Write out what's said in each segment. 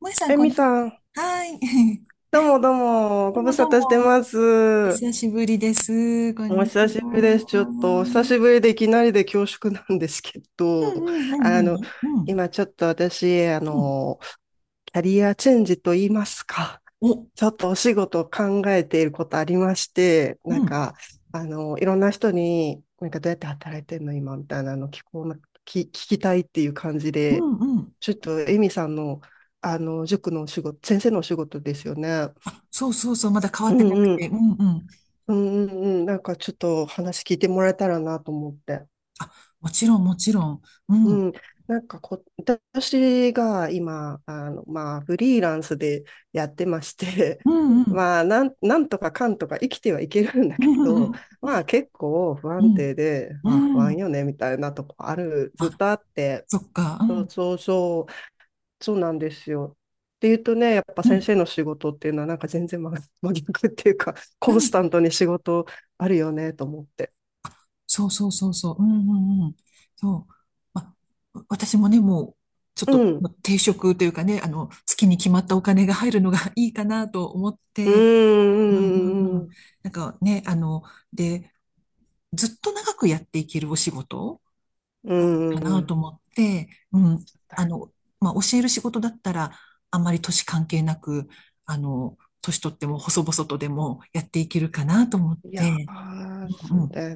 もえさん、えこみんにちさん、は。はーい。どうもどうも、どごう無も沙どう汰しても。まおす。久しぶりです。こんおにち久しぶりです。ちょっは。と、お久しぶりでいきなりで恐縮なんですけうど、んうん。なにあなの、に、うん。今ちょっと私、うん。キャリアチェンジと言いますか、お、ちょっとお仕事を考えていることありまして、うん。いろんな人に、なんかどうやって働いてんの今みたいなの聞こうな、き聞きたいっていう感じうで、んうん。ちょっとえみさんの、塾のお仕事、先生のお仕事ですよね。あ、そうそうそう。まだ変わうってんなくうん。て。うんうん。うんうんうん、なんかちょっと話聞いてもらえたらなと思って。あ、もちろんもちろん。ううん。ん、なんかこ、私が今、まあ、フリーランスでやってまして、ううんうん。 ん。まあ、なんとかかんとか生きてはいけるんだうけんうど、ん。まあ結構不う安ん。定で、うあ、不安ん。よね、みたいなとこある、ずっあ、とあって、そっか。うそうん。そうそう、そうなんですよ。っていうとね、やっぱう先ん。生の仕事っていうのはなんか全然真逆っていうか、うコンスん。タントに仕事あるよね、と思って。そうそうそうそう。うんうんうん。そう。まあ、私もね、もう、ちょっうとまん。あ定職というかね、月に決まったお金が入るのが いいかなと思っうーて、うんうんん、ううん。ん、なんかね、で、ずっと長くやっていけるお仕事うがいいかん。うなとん、思って、うん。あの、まあ、教える仕事だったら、あんまり年関係なく、年取っても細々とでもやっていけるかなと思っいやて、うー、そうんだよ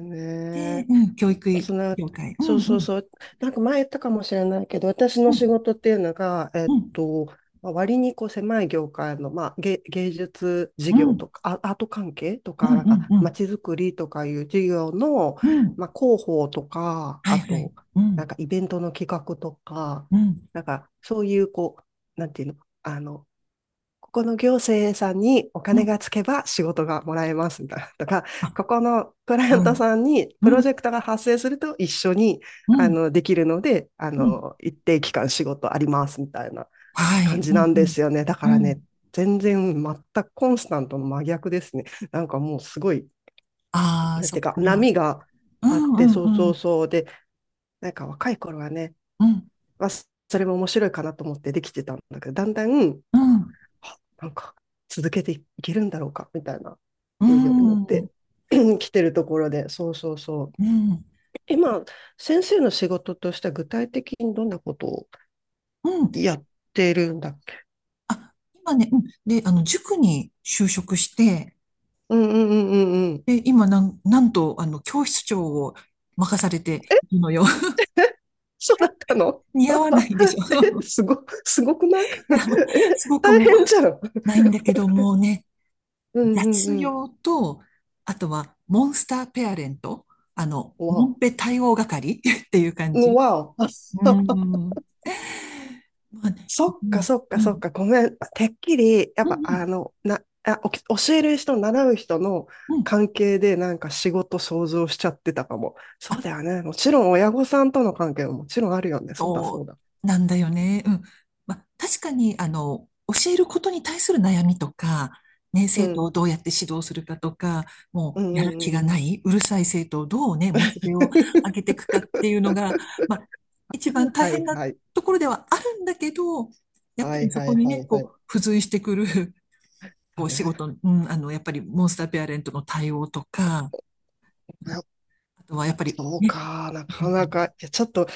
で、ね。うん、教育つな、業界。うそうん、そううん、そう。なんか前言ったかもしれないけど、私のう仕ん、事っていうのが、うん、まあ割にこう狭い業界の、まあ、芸術事う業ん、とか、アート関係とうか、ん、うなんん、か、うまん、ちづくりとかいう事業の、うん。まあ、広報とか、はあいはと、い。うなんん、かイベントの企画とか、うん、なんか、そういう、こう、なんていうの、あの、ここの行政さんにおう金がん。つけば仕事がもらえます だとか、あ、ここのクライアンはトい。さんにプうロジん、ェクトが発生すると一緒にうん、できるので、あうん。の一定期間仕事ありますみたいなはい。感じうなん、んうでん、すよね。だからうね、ん。全くコンスタントの真逆ですね。なんかもうすごい、ああ、なんそてっいうかか。波がうあん、っうて、ん、そううそうん、そう。で、なんか若い頃はね、うん、まあ、それも面白いかなと思ってできてたんだけど、だんだん、うん、うなんか続けていけるんだろうか、みたいなうふうに思っん、て 来てるところで、そうそうそう。うん、今、先生の仕事としては具体的にどんなことをうん。やってるんだっけ。あ、今ね、うん。で、塾に就職して、うんうんうんうんうん。で、今、なんと、教室長を任されてえ、いるのよ。え、そうだったの。 似合わないでし え、ょ。すごくない？ やもう、え、すごく大もう変じゃん。ないんだけど、もうね、うんうん雑うん。用と、あとはモンスターペアレント、モンわペ対応係 っていう感お。じ。わお。うん。まあね、そうっかん、そっかうそっん、か、ごめん。てっきり、やっうぱあん、の、な、あ、おき教える人、習う人のうん。うん、関係でなんか仕事想像しちゃってたかも。そうだよね。もちろん親御さんとの関係ももちろんあるよね。そうだそうそだ。うなんだよね。うん。まあ、確かに、教えることに対する悩みとか、ね、う生徒をん。どうやって指導するかとか、もううんうやる気がんうなん。い、うるさい生徒をどうね、モチベを上げてい くかっていうのが、まあ、一番大はい変なはい。ところではあるんだけど、やっぱはりいそはこいにはね、いはい。こう、付随してくる、そこうう、仕ね。事、うん、やっぱりモンスターペアレントの対応とか、うん、あとはやっぱりそうね、か、なうかん、なか、いや、ちょっと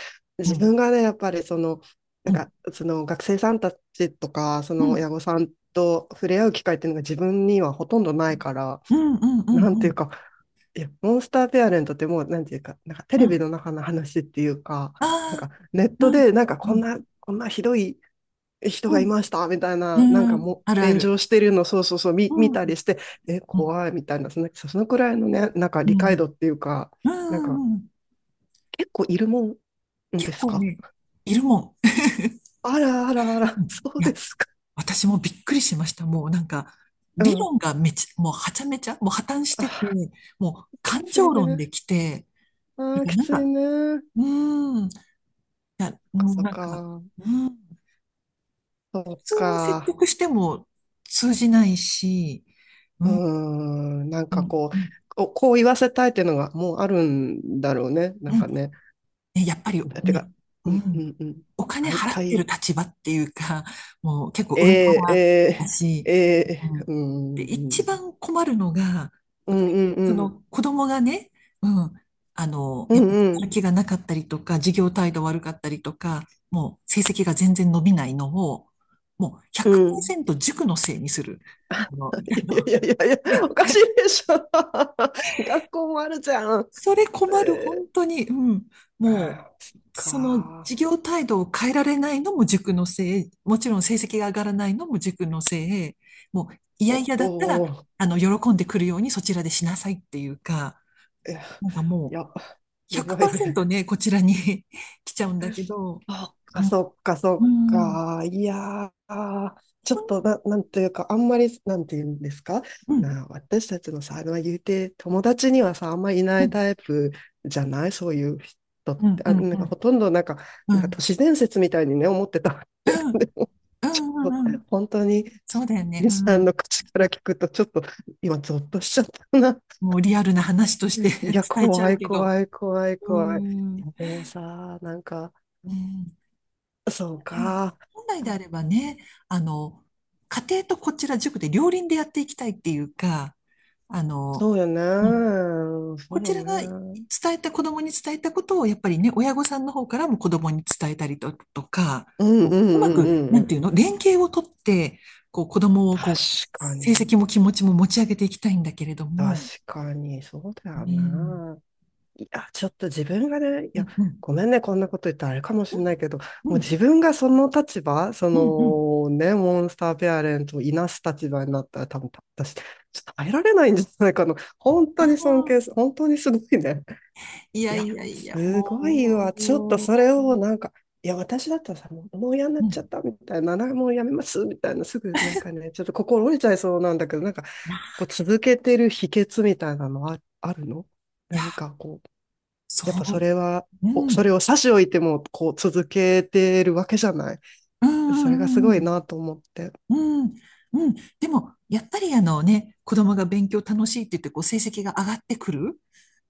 う自ん、分がね、やっぱりその、なうんん、か、その学生さんたちとか、そうの親ん、御さんと触れ合う機会っていうのが自分にはほとんどないから、うん、うん、うん、うん。なんうていうんか、いや、モンスターペアレントってもう、なんていうか、なんかテうレビん。の中の話っていうか、なんああ、かネットうん、で、なんかうこんん、な、こんなひどい人うがいん、ましたみたいな、なんかうん、もあるうあ炎上る。してるの、そうそうそう、う見たん。りして、え、うん、怖いみたいな、その、そのくらいのね、なんかう理解度ん、っていうか、うなんか、ん、うん。結構いるもんで結す構か？ね、いるもん。あらあらあうら、ん、そいうでや、すか。私もびっくりしました。もうなんか、う理ん。論がめち、もうはちゃめちゃ、もう破綻しあてて、ー、もうき感つ情い論でね。きて、だあー、からきなんついか、ね。うーん、いや、もうそっなんか、か、うん、そっ普通に説か。得しても通じないし、ううーん、ん、なんうかん、こう、うん、こう言わせたいっていうのがもうあるんだろうね。なうんん、かね。ね、やっぱりてね、か、ううんうん、んうん。お金大払ってる体、立場っていうか、もう結構え上かー、らだえし、ー、うえー、うん、ーで、一ん、番困るのが、やうっぱんりうんうそん、の子供がね、うん、うやっんぱりうやん、る気がなかったりとか、授業態度悪かったりとか、もう成績が全然伸びないのを、もううん。100%塾のせいにする。あの、あいのやいやいやいや、で、おかしいでしょ。学校もあるじゃん。それ困る、え本当に。うん。ー、もあーそっう、そのか授ー。業態度を変えられないのも塾のせい、もちろん成績が上がらないのも塾のせい、もう、いやいお、やだったおら、ー、喜んでくるようにそちらでしなさいっていうか、いや、なんかもう、や、やばいね。100%ね、こちらに 来ちゃうんだけど、あ、あうん、そっか、うそっん、うん、か。いやー、ちょっとな、なんていうか、あんまり、なんていうんですか。うん、私たちのさ、まあ、言うて、友達にはさ、あんまりいないタイプじゃないそういう人っうて。ん、うあ、ん、なうんかほん、とんどなんか、うなんか都ん、市伝説みたいにね、思ってたっうて。ん、でもうん、うん、本当に、ちょそっうと、だよね、森うさんん。の口から聞くと、ちょっと、今、ゾッとしちゃったな。もうリアルな話として いや、伝えちゃ怖うい、けど、怖い、怖い、う怖い。ん。いうやでもさ、なんか、んそううん、か。本来でああればね、あの、家庭とこちら塾で両輪でやっていきたいっていうか、あの、そうようん、ね。こそうちらが伝ね。えた、子供に伝えたことを、やっぱりね、親御さんの方からも子供に伝えたりと、とか、うん、うこん、うううまん、うく、ん。うなんん、ていうの、連携をとって、こう、子供を、こう、確か成に。績も気持ちも持ち上げていきたいんだけれど確も、かに、そうだうよん、ね。いや、ちょっと自分がね、いうや、ん、うん、ごめんね、こんなこと言ったらあれかもしうれなん、いけど、もうう自ん、分がその立場、そうん、のね、モンスターペアレントをいなす立場になったら、多分私、ちょっと耐えられないんじゃないかな。うん、うん、本当にすごいね。いいやいや、やいや、すごいわ。ちょっとそれもをなんか、いや、私だったらさ、もう嫌になう、っうちゃっん、たみたいな、なもうやめますみたいな、すぐなんかね、ちょっと心折れちゃいそうなんだけど、なんか、いや、こう続けてる秘訣みたいなのはあるの？いや何かこう。そやっぱそれは、う、おうん、それを差し置いても、こう続けてるわけじゃない。うそれがすん、うごいん、なと思って。うん、うん。でも、やっぱりあのね、子供が勉強楽しいって言って、こう、成績が上がってくる。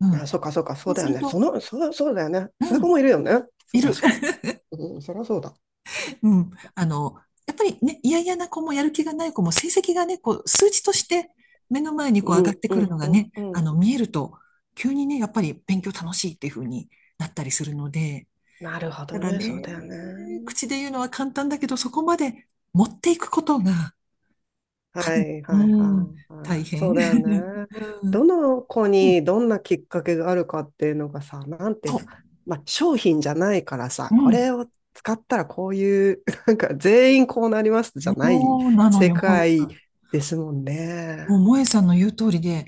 うん。あ、そうか、そうか、そそううだすよるね。と、そうだよね。うそういう子ん、もいるよね。そう、いる。確かに。うん、そりゃそうだ。うん。やっぱりね、嫌々な子もやる気がない子も、成績がね、こう、数値として目の前にうこう上がっん、てうくるん、のがうん、ね、うん。見えると、急にね、やっぱり勉強楽しいっていう風になったりするので、なるほたどだね。そうね、だよね。口で言うのは簡単だけど、そこまで持っていくことが、かはに、いはいうはん、いは大い。そ変。うだよね。うどん、の子うん、にどんなきっかけがあるかっていうのがさ、なんていうそか、う、まあ商品じゃないからさ、うこん、れを使ったらこういう、なんか全員こうなりますじゃないそうなの世よ、萌えさ界ん。ですもんもね。う萌えさんの言う通りで、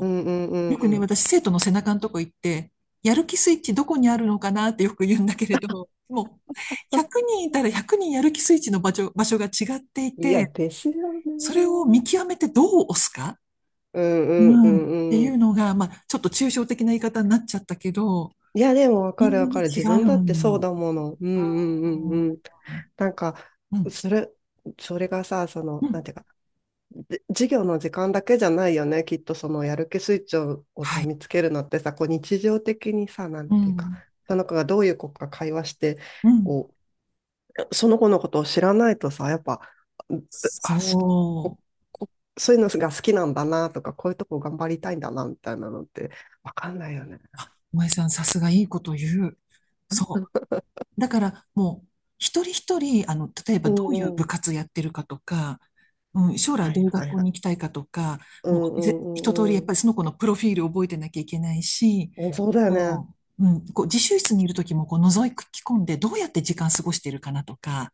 うんうう、んよくね、う私、生徒の背中のとこ行って、やる気スイッチどこにあるのかなってよく言うんだけれど、もう、100人いたら100人やる気スイッチの場所が違っていん。いや、て、ですよそれをね。見極めてどう押すか、うんううんうん、ってんういうん。のが、まあ、ちょっと抽象的な言い方になっちゃったけど、いや、でもわみかるんなわかね、る。違自う分だってそうの。だもの。うんううんうん。んうん。なんか、うんそれ、それがさ、そうの、なんん。ていうか、で授業の時間だけじゃないよね、きっとそのやる気スイッチををはさい。見つけるのってさ、こう日常的にさ、なんうていうか、ん。その子がどういう子か会話して、うん。こうその子のことを知らないとさ、やっぱ、そあ、しこ、こ、そういうのが好きなんだなとか、こういうとこ頑張りたいんだなみたいなのってわかんないよね。う。萌えさん、さすがいいこと言う。そう。だから、もう、一人一人、例えばうどういうんうん。部活やってるかとか、うん、将来はどういいうは学い校はい。に行きたいかとか、うもんう、うん一う通り、やんっうん。ぱりその子のプロフィールを覚えてなきゃいけないし、うん、そうだよね。そう。うん、こう、自習室にいるときも、こう、覗き込んで、どうやって時間過ごしてるかなとか、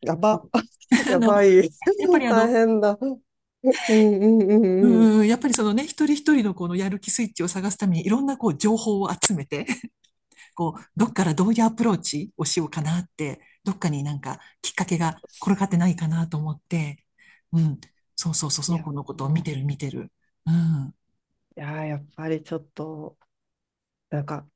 やば。あやの、ばい。やっぱ りあ大の、変だ。うんうんうんうん。うん、やっぱりそのね、一人一人のこのやる気スイッチを探すために、いろんなこう情報を集めて、こう、どっからどういうアプローチをしようかなって、どっかになんかきっかけが転がってないかなと思って、うん、そうそうそう、いそのや子のことを見ー、ている見てる。うん、やーやっぱりちょっと、なんか、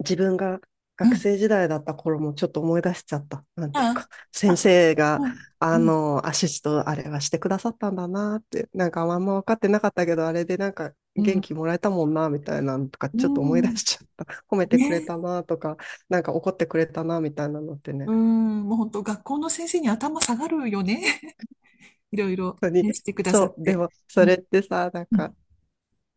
自分がう学ん、生時代だった頃もちょっと思い出しちゃった。なんていうあ、か、先あ、生が、うん、うあん、の、アシストあれはしてくださったんだなって、なんかあんま分かってなかったけど、あれでなんかう元ん、気もらえたもんな、みたいなのとか、うちょっと思い出ん、しちゃった。褒めてくれね、たなとか、なんか怒ってくれたな、みたいなのってうね、ん、もう本当、学校の先生に頭下がるよね。いろいろ本当ね、に。してくださっそう、でて。も、そうれん、ってさ、なんうか、ん、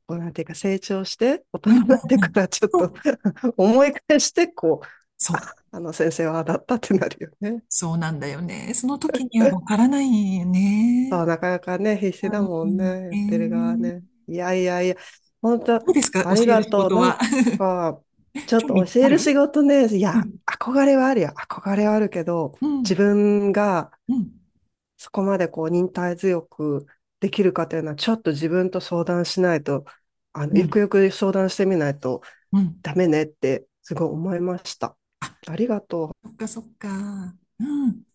こうなんていうか成長して、大人うん、うになってん。かうん、らちょっそと う。思い返して、こう、そあ、うあの先生はだったってなるよね。そうなんだよね。その時にはわからないよ ね。そう、なかなかね、必死だもうんね、ん、やえってる側ー、ね。いやいやいや、本当どうですか、あ教りえがる仕とう。事なは。ん か、ちょっ興味と教あえる仕る、事ね、いうや、ん、憧れはあるよ。憧れはあるけど、う自ん、分がうん、そこまでこう忍耐強くできるかというのは、ちょっと自分と相談しないと、うゆん、くゆく相談してみないとうん。ダメねってすごい思いました。あ、ありがとう。そっかそっか。うん。